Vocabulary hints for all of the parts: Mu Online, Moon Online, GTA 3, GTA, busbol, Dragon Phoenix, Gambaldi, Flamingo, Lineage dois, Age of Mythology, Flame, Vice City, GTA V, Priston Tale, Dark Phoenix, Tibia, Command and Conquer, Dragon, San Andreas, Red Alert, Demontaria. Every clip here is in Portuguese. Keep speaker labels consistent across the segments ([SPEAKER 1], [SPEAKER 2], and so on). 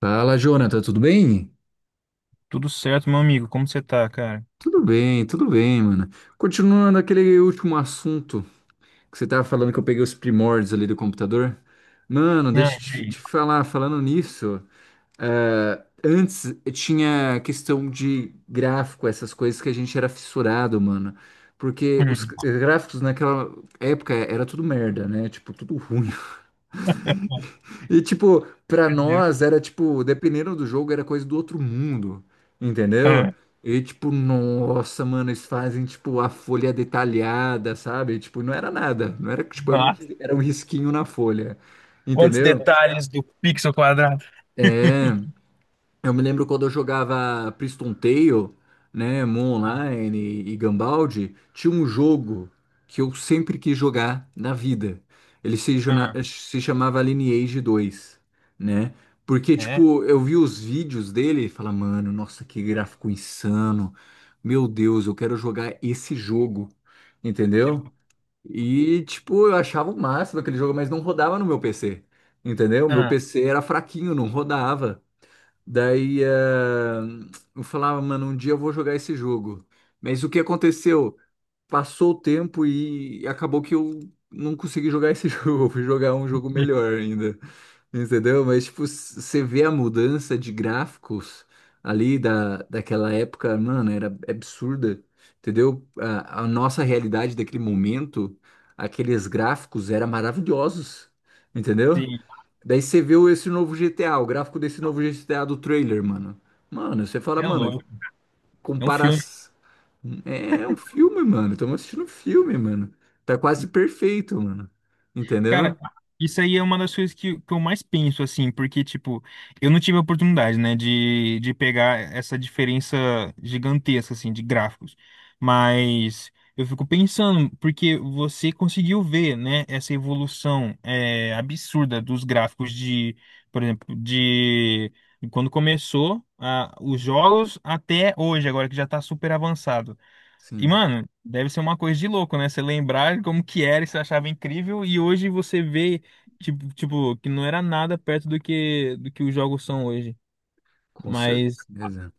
[SPEAKER 1] Fala, Jonathan, tudo bem?
[SPEAKER 2] Tudo certo, meu amigo? Como você tá, cara?
[SPEAKER 1] Tudo bem, tudo bem, mano. Continuando aquele último assunto que você tava falando que eu peguei os primórdios ali do computador. Mano,
[SPEAKER 2] Ah, e
[SPEAKER 1] deixa eu te,
[SPEAKER 2] aí?
[SPEAKER 1] te falar, falando nisso, antes tinha questão de gráfico, essas coisas que a gente era fissurado, mano. Porque
[SPEAKER 2] Hum,
[SPEAKER 1] os gráficos naquela época era tudo merda, né? Tipo, tudo ruim. E, tipo, pra
[SPEAKER 2] perdi.
[SPEAKER 1] nós era tipo, dependendo do jogo, era coisa do outro mundo, entendeu?
[SPEAKER 2] É,
[SPEAKER 1] E, tipo, nossa, mano, eles fazem, tipo, a folha detalhada, sabe? Tipo, não era nada, não era, tipo, é um-
[SPEAKER 2] nossa,
[SPEAKER 1] era um risquinho na folha,
[SPEAKER 2] quantos
[SPEAKER 1] entendeu?
[SPEAKER 2] detalhes do pixel quadrado?
[SPEAKER 1] Eu me lembro quando eu jogava Priston Tale, né, Moon
[SPEAKER 2] Ah,
[SPEAKER 1] Online e Gambaldi, tinha um jogo que eu sempre quis jogar na vida. Ele se, jona-
[SPEAKER 2] ah,
[SPEAKER 1] Se chamava Lineage dois, né? Porque,
[SPEAKER 2] é,
[SPEAKER 1] tipo, eu vi os vídeos dele e falava, mano, nossa, que gráfico insano. Meu Deus, eu quero jogar esse jogo,
[SPEAKER 2] que
[SPEAKER 1] entendeu?
[SPEAKER 2] louco.
[SPEAKER 1] E, tipo, eu achava o máximo aquele jogo, mas não rodava no meu PC, entendeu? Meu
[SPEAKER 2] Ah,
[SPEAKER 1] PC era fraquinho, não rodava. Daí eu falava, mano, um dia eu vou jogar esse jogo. Mas o que aconteceu? Passou o tempo e acabou que eu não consegui jogar esse jogo. Eu fui jogar um jogo melhor ainda, entendeu? Mas, tipo, você vê a mudança de gráficos ali daquela época, mano, era absurda, entendeu? A nossa realidade daquele momento, aqueles gráficos eram maravilhosos, entendeu?
[SPEAKER 2] sim,
[SPEAKER 1] Daí esse novo G T A, o gráfico desse novo G T A do trailer, mano. Mano, você fala,
[SPEAKER 2] é
[SPEAKER 1] mano,
[SPEAKER 2] louco. É um
[SPEAKER 1] compara.
[SPEAKER 2] filme.
[SPEAKER 1] É um filme, mano. Estamos assistindo um filme, mano. Tá quase perfeito, mano. Entendeu?
[SPEAKER 2] Cara, isso aí é uma das coisas que eu mais penso, assim, porque, tipo, eu não tive a oportunidade, né, de pegar essa diferença gigantesca, assim, de gráficos. Mas eu fico pensando, porque você conseguiu ver, né, essa evolução absurda dos gráficos de, por exemplo, de quando começou, ah, os jogos até hoje, agora que já tá super avançado. E,
[SPEAKER 1] Sim,
[SPEAKER 2] mano, deve ser uma coisa de louco, né? Você lembrar como que era e você achava incrível, e hoje você vê, tipo, que não era nada perto do que os jogos são hoje.
[SPEAKER 1] com
[SPEAKER 2] Mas
[SPEAKER 1] certeza.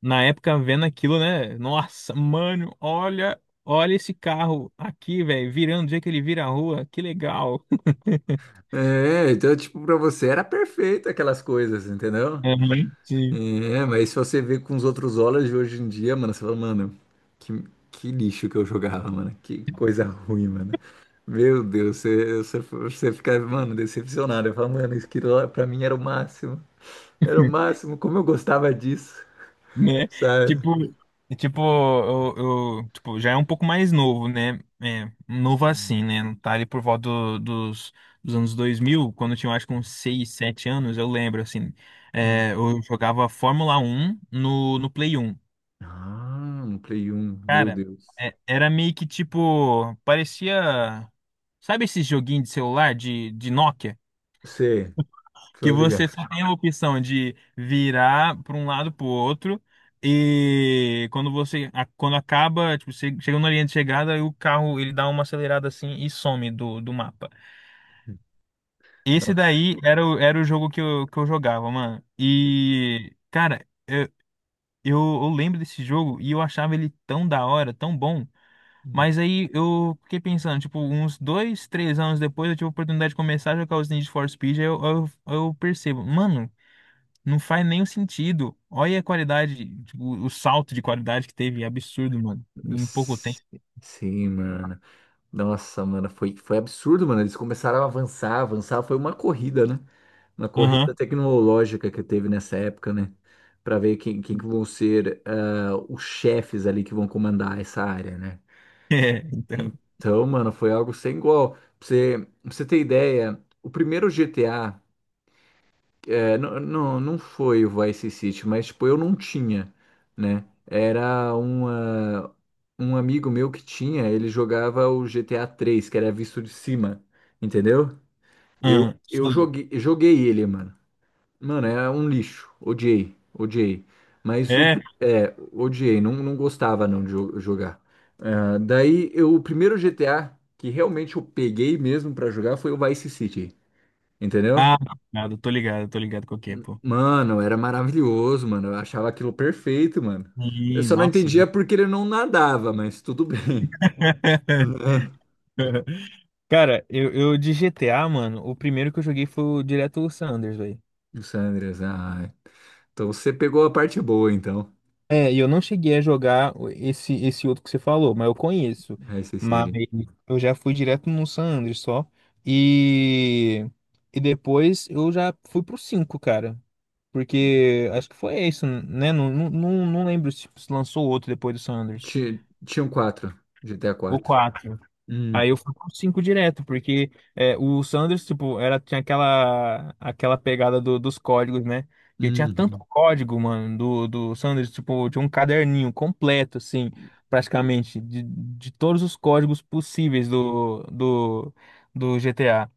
[SPEAKER 2] na época, vendo aquilo, né? Nossa, mano, olha, olha esse carro aqui, velho, virando, do jeito que ele vira a rua, que legal.
[SPEAKER 1] É, então, tipo, pra você era perfeito aquelas coisas, entendeu?
[SPEAKER 2] Uhum, sim.
[SPEAKER 1] É, mas se você vê com os outros olhos de hoje em dia, mano, você fala, mano, que, que lixo que eu jogava, mano. Que coisa ruim, mano. Meu Deus, você fica, mano, decepcionado. Eu falo, mano, isso aqui lá pra mim era o máximo. Era o máximo, como eu gostava disso,
[SPEAKER 2] Né?
[SPEAKER 1] sabe?
[SPEAKER 2] Tipo, tipo, eu, já é um pouco mais novo, né? É, novo
[SPEAKER 1] Hum.
[SPEAKER 2] assim, né? Tá ali por volta dos anos 2000 quando eu tinha, acho que uns 6, 7 anos, eu lembro, assim.
[SPEAKER 1] Hum.
[SPEAKER 2] É, eu jogava Fórmula 1 no Play 1.
[SPEAKER 1] Ah, um Play um, meu
[SPEAKER 2] Cara,
[SPEAKER 1] Deus.
[SPEAKER 2] era meio que tipo, parecia... Sabe esse joguinho de celular de Nokia?
[SPEAKER 1] Sei,
[SPEAKER 2] Que
[SPEAKER 1] tô
[SPEAKER 2] você
[SPEAKER 1] ligado.
[SPEAKER 2] só tem a opção de virar para um lado para o outro e quando você quando acaba, tipo, você chega na linha de chegada e o carro ele dá uma acelerada assim e some do mapa. Esse
[SPEAKER 1] Nossa.
[SPEAKER 2] daí era o jogo que eu jogava, mano. E cara, eu lembro desse jogo e eu achava ele tão da hora, tão bom.
[SPEAKER 1] Hum.
[SPEAKER 2] Mas aí eu fiquei pensando, tipo, uns dois, três anos depois eu tive a oportunidade de começar a jogar os Need for Speed, aí eu percebo, mano, não faz nenhum sentido. Olha a qualidade, tipo, o salto de qualidade que teve, é absurdo, mano. Em pouco tempo.
[SPEAKER 1] S- Sim, mano. Nossa, mano, foi absurdo, mano. Eles começaram a avançar, avançar. Foi uma corrida, né? Uma corrida
[SPEAKER 2] Aham.
[SPEAKER 1] tecnológica que teve nessa época, né? Pra ver quem, quem que vão ser os chefes ali que vão comandar essa área, né?
[SPEAKER 2] É, então.
[SPEAKER 1] Então, mano, foi algo sem igual. Pra você ter ideia, o primeiro GTA. É, não foi o Vice City, mas tipo, eu não tinha, né? Um amigo meu que tinha, ele jogava o GTA 3, que era visto de cima, entendeu?
[SPEAKER 2] Aham,
[SPEAKER 1] Eu
[SPEAKER 2] sim.
[SPEAKER 1] joguei ele, mano. Mano, é um lixo. Odiei, odiei. Mas o,
[SPEAKER 2] É.
[SPEAKER 1] não, não gostava não de jo- jogar. Ah, o primeiro GTA que realmente eu peguei mesmo pra jogar foi o Vice City, entendeu?
[SPEAKER 2] Ah, nada, tô ligado qual que é, pô.
[SPEAKER 1] Mano, era maravilhoso, mano. Eu achava aquilo perfeito, mano. Eu
[SPEAKER 2] Ih,
[SPEAKER 1] só não
[SPEAKER 2] nossa.
[SPEAKER 1] entendia porque ele não nadava, mas tudo bem.
[SPEAKER 2] Cara, eu de GTA, mano, o primeiro que eu joguei foi o direto o San Andreas.
[SPEAKER 1] O Sanders, ah. Então você pegou a parte boa, então.
[SPEAKER 2] É, e eu não cheguei a jogar esse outro que você falou, mas eu conheço.
[SPEAKER 1] Vice
[SPEAKER 2] Mas
[SPEAKER 1] City.
[SPEAKER 2] eu já fui direto no San Andreas só. E, e depois eu já fui pro 5, cara. Porque acho que foi isso, né? Não, não, não lembro se lançou outro depois do San Andreas.
[SPEAKER 1] Tinham quatro, GTA
[SPEAKER 2] O
[SPEAKER 1] 4.
[SPEAKER 2] 4.
[SPEAKER 1] Hum,
[SPEAKER 2] Aí eu fui com cinco direto, porque é, o Sanders, tipo, era, tinha aquela, aquela pegada dos códigos, né? E tinha tanto
[SPEAKER 1] uhum,
[SPEAKER 2] código, mano, do Sanders, tipo, tinha um caderninho completo, assim, praticamente, de todos os códigos possíveis do GTA.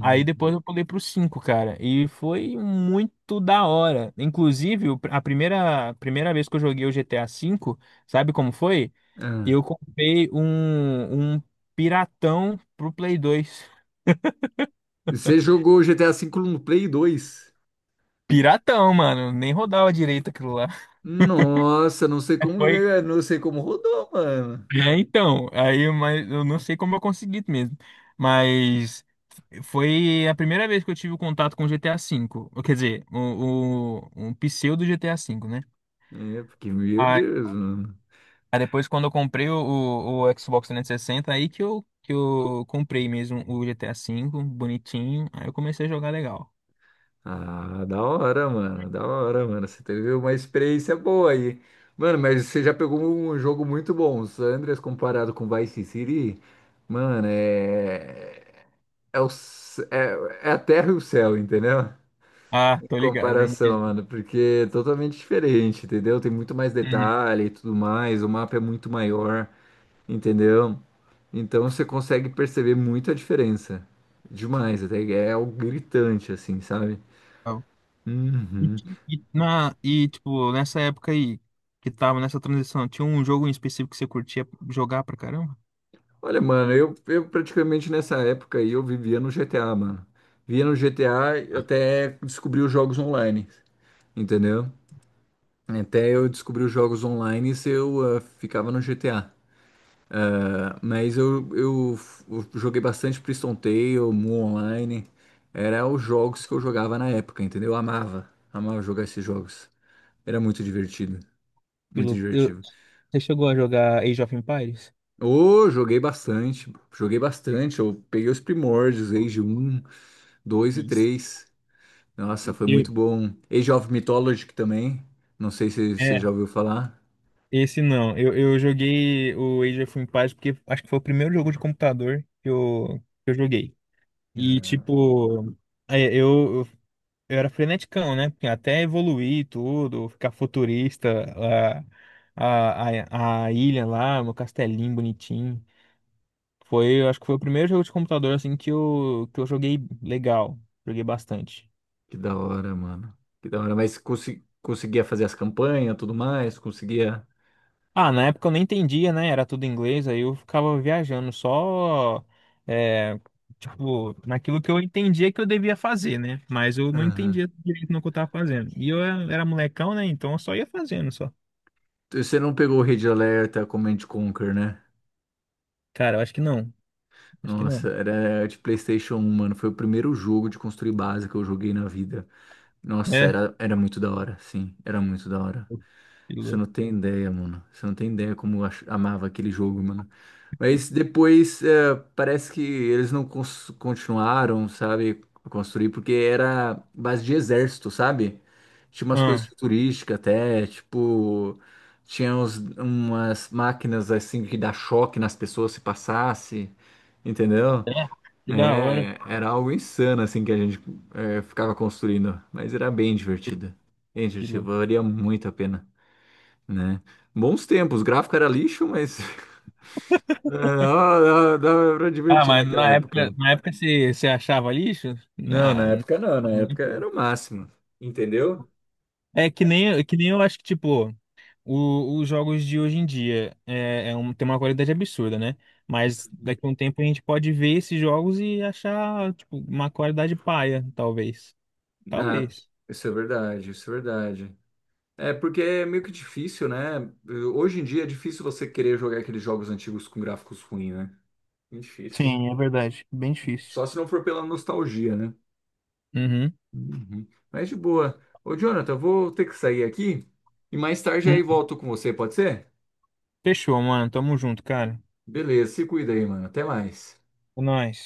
[SPEAKER 2] Aí depois eu pulei pro cinco, cara, e foi muito da hora. Inclusive, o pr- a primeira vez que eu joguei o GTA cinco, sabe como foi?
[SPEAKER 1] Ah.
[SPEAKER 2] Eu comprei um piratão pro Play 2.
[SPEAKER 1] Você jogou GTA V no Play 2?
[SPEAKER 2] Piratão, mano. Nem rodava direito aquilo lá.
[SPEAKER 1] Nossa, não sei como,
[SPEAKER 2] Foi.
[SPEAKER 1] não sei como rodou, mano.
[SPEAKER 2] É, então. Aí, mas eu não sei como eu consegui mesmo. Mas foi a primeira vez que eu tive contato com GTA V. Ou, quer dizer, um pseudo GTA V, né?
[SPEAKER 1] É, porque, meu
[SPEAKER 2] Aí,
[SPEAKER 1] Deus, mano.
[SPEAKER 2] aí depois, quando eu comprei o Xbox 360, aí que eu comprei mesmo o GTA V, bonitinho. Aí eu comecei a jogar legal.
[SPEAKER 1] Ah, da hora, mano. Da hora, mano. Você teve uma experiência boa aí. Mano, mas você já pegou um jogo muito bom. O San Andreas comparado com Vice City, mano, é. É, é a terra e o céu, entendeu?
[SPEAKER 2] Ah,
[SPEAKER 1] Em
[SPEAKER 2] tô ligado. Eu
[SPEAKER 1] comparação,
[SPEAKER 2] entendi.
[SPEAKER 1] mano. Porque é totalmente diferente, entendeu? Tem muito mais detalhe e tudo mais. O mapa é muito maior, entendeu? Então você consegue perceber muito a diferença. Demais, até é algo gritante, assim, sabe?
[SPEAKER 2] Uhum. E,
[SPEAKER 1] Uhum.
[SPEAKER 2] e na, e, tipo, nessa época aí, que tava nessa transição, tinha um jogo em específico que você curtia jogar pra caramba?
[SPEAKER 1] Olha, mano, eu praticamente nessa época aí eu vivia no GTA, mano. Vivia no GTA e até descobri os jogos online, entendeu? Até eu descobri os jogos online e eu ficava no GTA. Ah, mas eu joguei bastante Priston Tale, Mu Online. Era os jogos que eu jogava na época, entendeu? Amava jogar esses jogos. Era muito divertido,
[SPEAKER 2] Que
[SPEAKER 1] muito
[SPEAKER 2] louco.
[SPEAKER 1] divertido.
[SPEAKER 2] Você chegou a jogar Age of Empires?
[SPEAKER 1] Ô, joguei bastante, joguei bastante. Eu peguei os primórdios, Age um, dois e
[SPEAKER 2] Nossa,
[SPEAKER 1] três. Nossa,
[SPEAKER 2] eu...
[SPEAKER 1] foi
[SPEAKER 2] Eu-
[SPEAKER 1] muito bom. Age of Mythology também. Não sei se você já
[SPEAKER 2] é,
[SPEAKER 1] ouviu falar.
[SPEAKER 2] esse não. Eu joguei o Age of Empires porque acho que foi o primeiro jogo de computador que eu joguei. E, tipo, é, eu era freneticão, né? Porque até evoluir tudo, ficar futurista, a ilha lá, meu castelinho bonitinho. Foi, eu acho que foi o primeiro jogo de computador assim que eu joguei legal, joguei bastante.
[SPEAKER 1] Que da hora, mano. Que da hora. Mas conseguia fazer as campanhas, tudo mais, conseguia.
[SPEAKER 2] Ah, na época eu nem entendia, né? Era tudo em inglês, aí eu ficava viajando só é, tipo, naquilo que eu entendia que eu devia fazer, né? Mas eu não
[SPEAKER 1] Aham.
[SPEAKER 2] entendia direito no que eu tava fazendo. E eu era molecão, né? Então eu só ia fazendo só.
[SPEAKER 1] Você não pegou o Red Alert, a Command and Conquer, né?
[SPEAKER 2] Cara, eu acho que não. Acho que
[SPEAKER 1] Nossa,
[SPEAKER 2] não.
[SPEAKER 1] era de PlayStation um, mano. Foi o primeiro jogo de construir base que eu joguei na vida. Nossa,
[SPEAKER 2] É,
[SPEAKER 1] era muito da hora, sim. Era muito da hora.
[SPEAKER 2] que
[SPEAKER 1] Você não
[SPEAKER 2] louco.
[SPEAKER 1] tem ideia, mano. Você não tem ideia como amava aquele jogo, mano. Mas depois é, parece que eles não continuaram, sabe, a construir, porque era base de exército, sabe? Tinha umas coisas
[SPEAKER 2] Ah,
[SPEAKER 1] futurísticas até, tipo, umas máquinas assim que dá choque nas pessoas se passasse, entendeu?
[SPEAKER 2] é, que da hora,
[SPEAKER 1] É, era algo insano assim que a gente ficava construindo, mas era bem divertido. Bem
[SPEAKER 2] que
[SPEAKER 1] divertido,
[SPEAKER 2] louco.
[SPEAKER 1] valia muito a pena, né? Bons tempos, o gráfico era lixo, mas é, dava pra
[SPEAKER 2] Ah,
[SPEAKER 1] divertir
[SPEAKER 2] mas
[SPEAKER 1] naquela época.
[SPEAKER 2] na época você achava lixo?
[SPEAKER 1] Não,
[SPEAKER 2] Ah,
[SPEAKER 1] na
[SPEAKER 2] não.
[SPEAKER 1] época não, na época era o máximo, entendeu?
[SPEAKER 2] É que nem eu acho que, tipo, os jogos de hoje em dia é, um, tem uma qualidade absurda, né? Mas daqui a um tempo a gente pode ver esses jogos e achar, tipo, uma qualidade paia, talvez.
[SPEAKER 1] Ah,
[SPEAKER 2] Talvez.
[SPEAKER 1] isso é verdade, isso é verdade. É porque é meio que difícil, né? Hoje em dia é difícil você querer jogar aqueles jogos antigos com gráficos ruins, né? Muito difícil.
[SPEAKER 2] Sim, é verdade. Bem difícil.
[SPEAKER 1] Só se não for pela nostalgia, né?
[SPEAKER 2] Uhum.
[SPEAKER 1] Uhum. Mas de boa. Ô, Jonathan, eu vou ter que sair aqui e mais tarde aí
[SPEAKER 2] Hum.
[SPEAKER 1] volto com você, pode ser?
[SPEAKER 2] Fechou, mano. Tamo junto, cara.
[SPEAKER 1] Beleza, se cuida aí, mano. Até mais.
[SPEAKER 2] É nóis.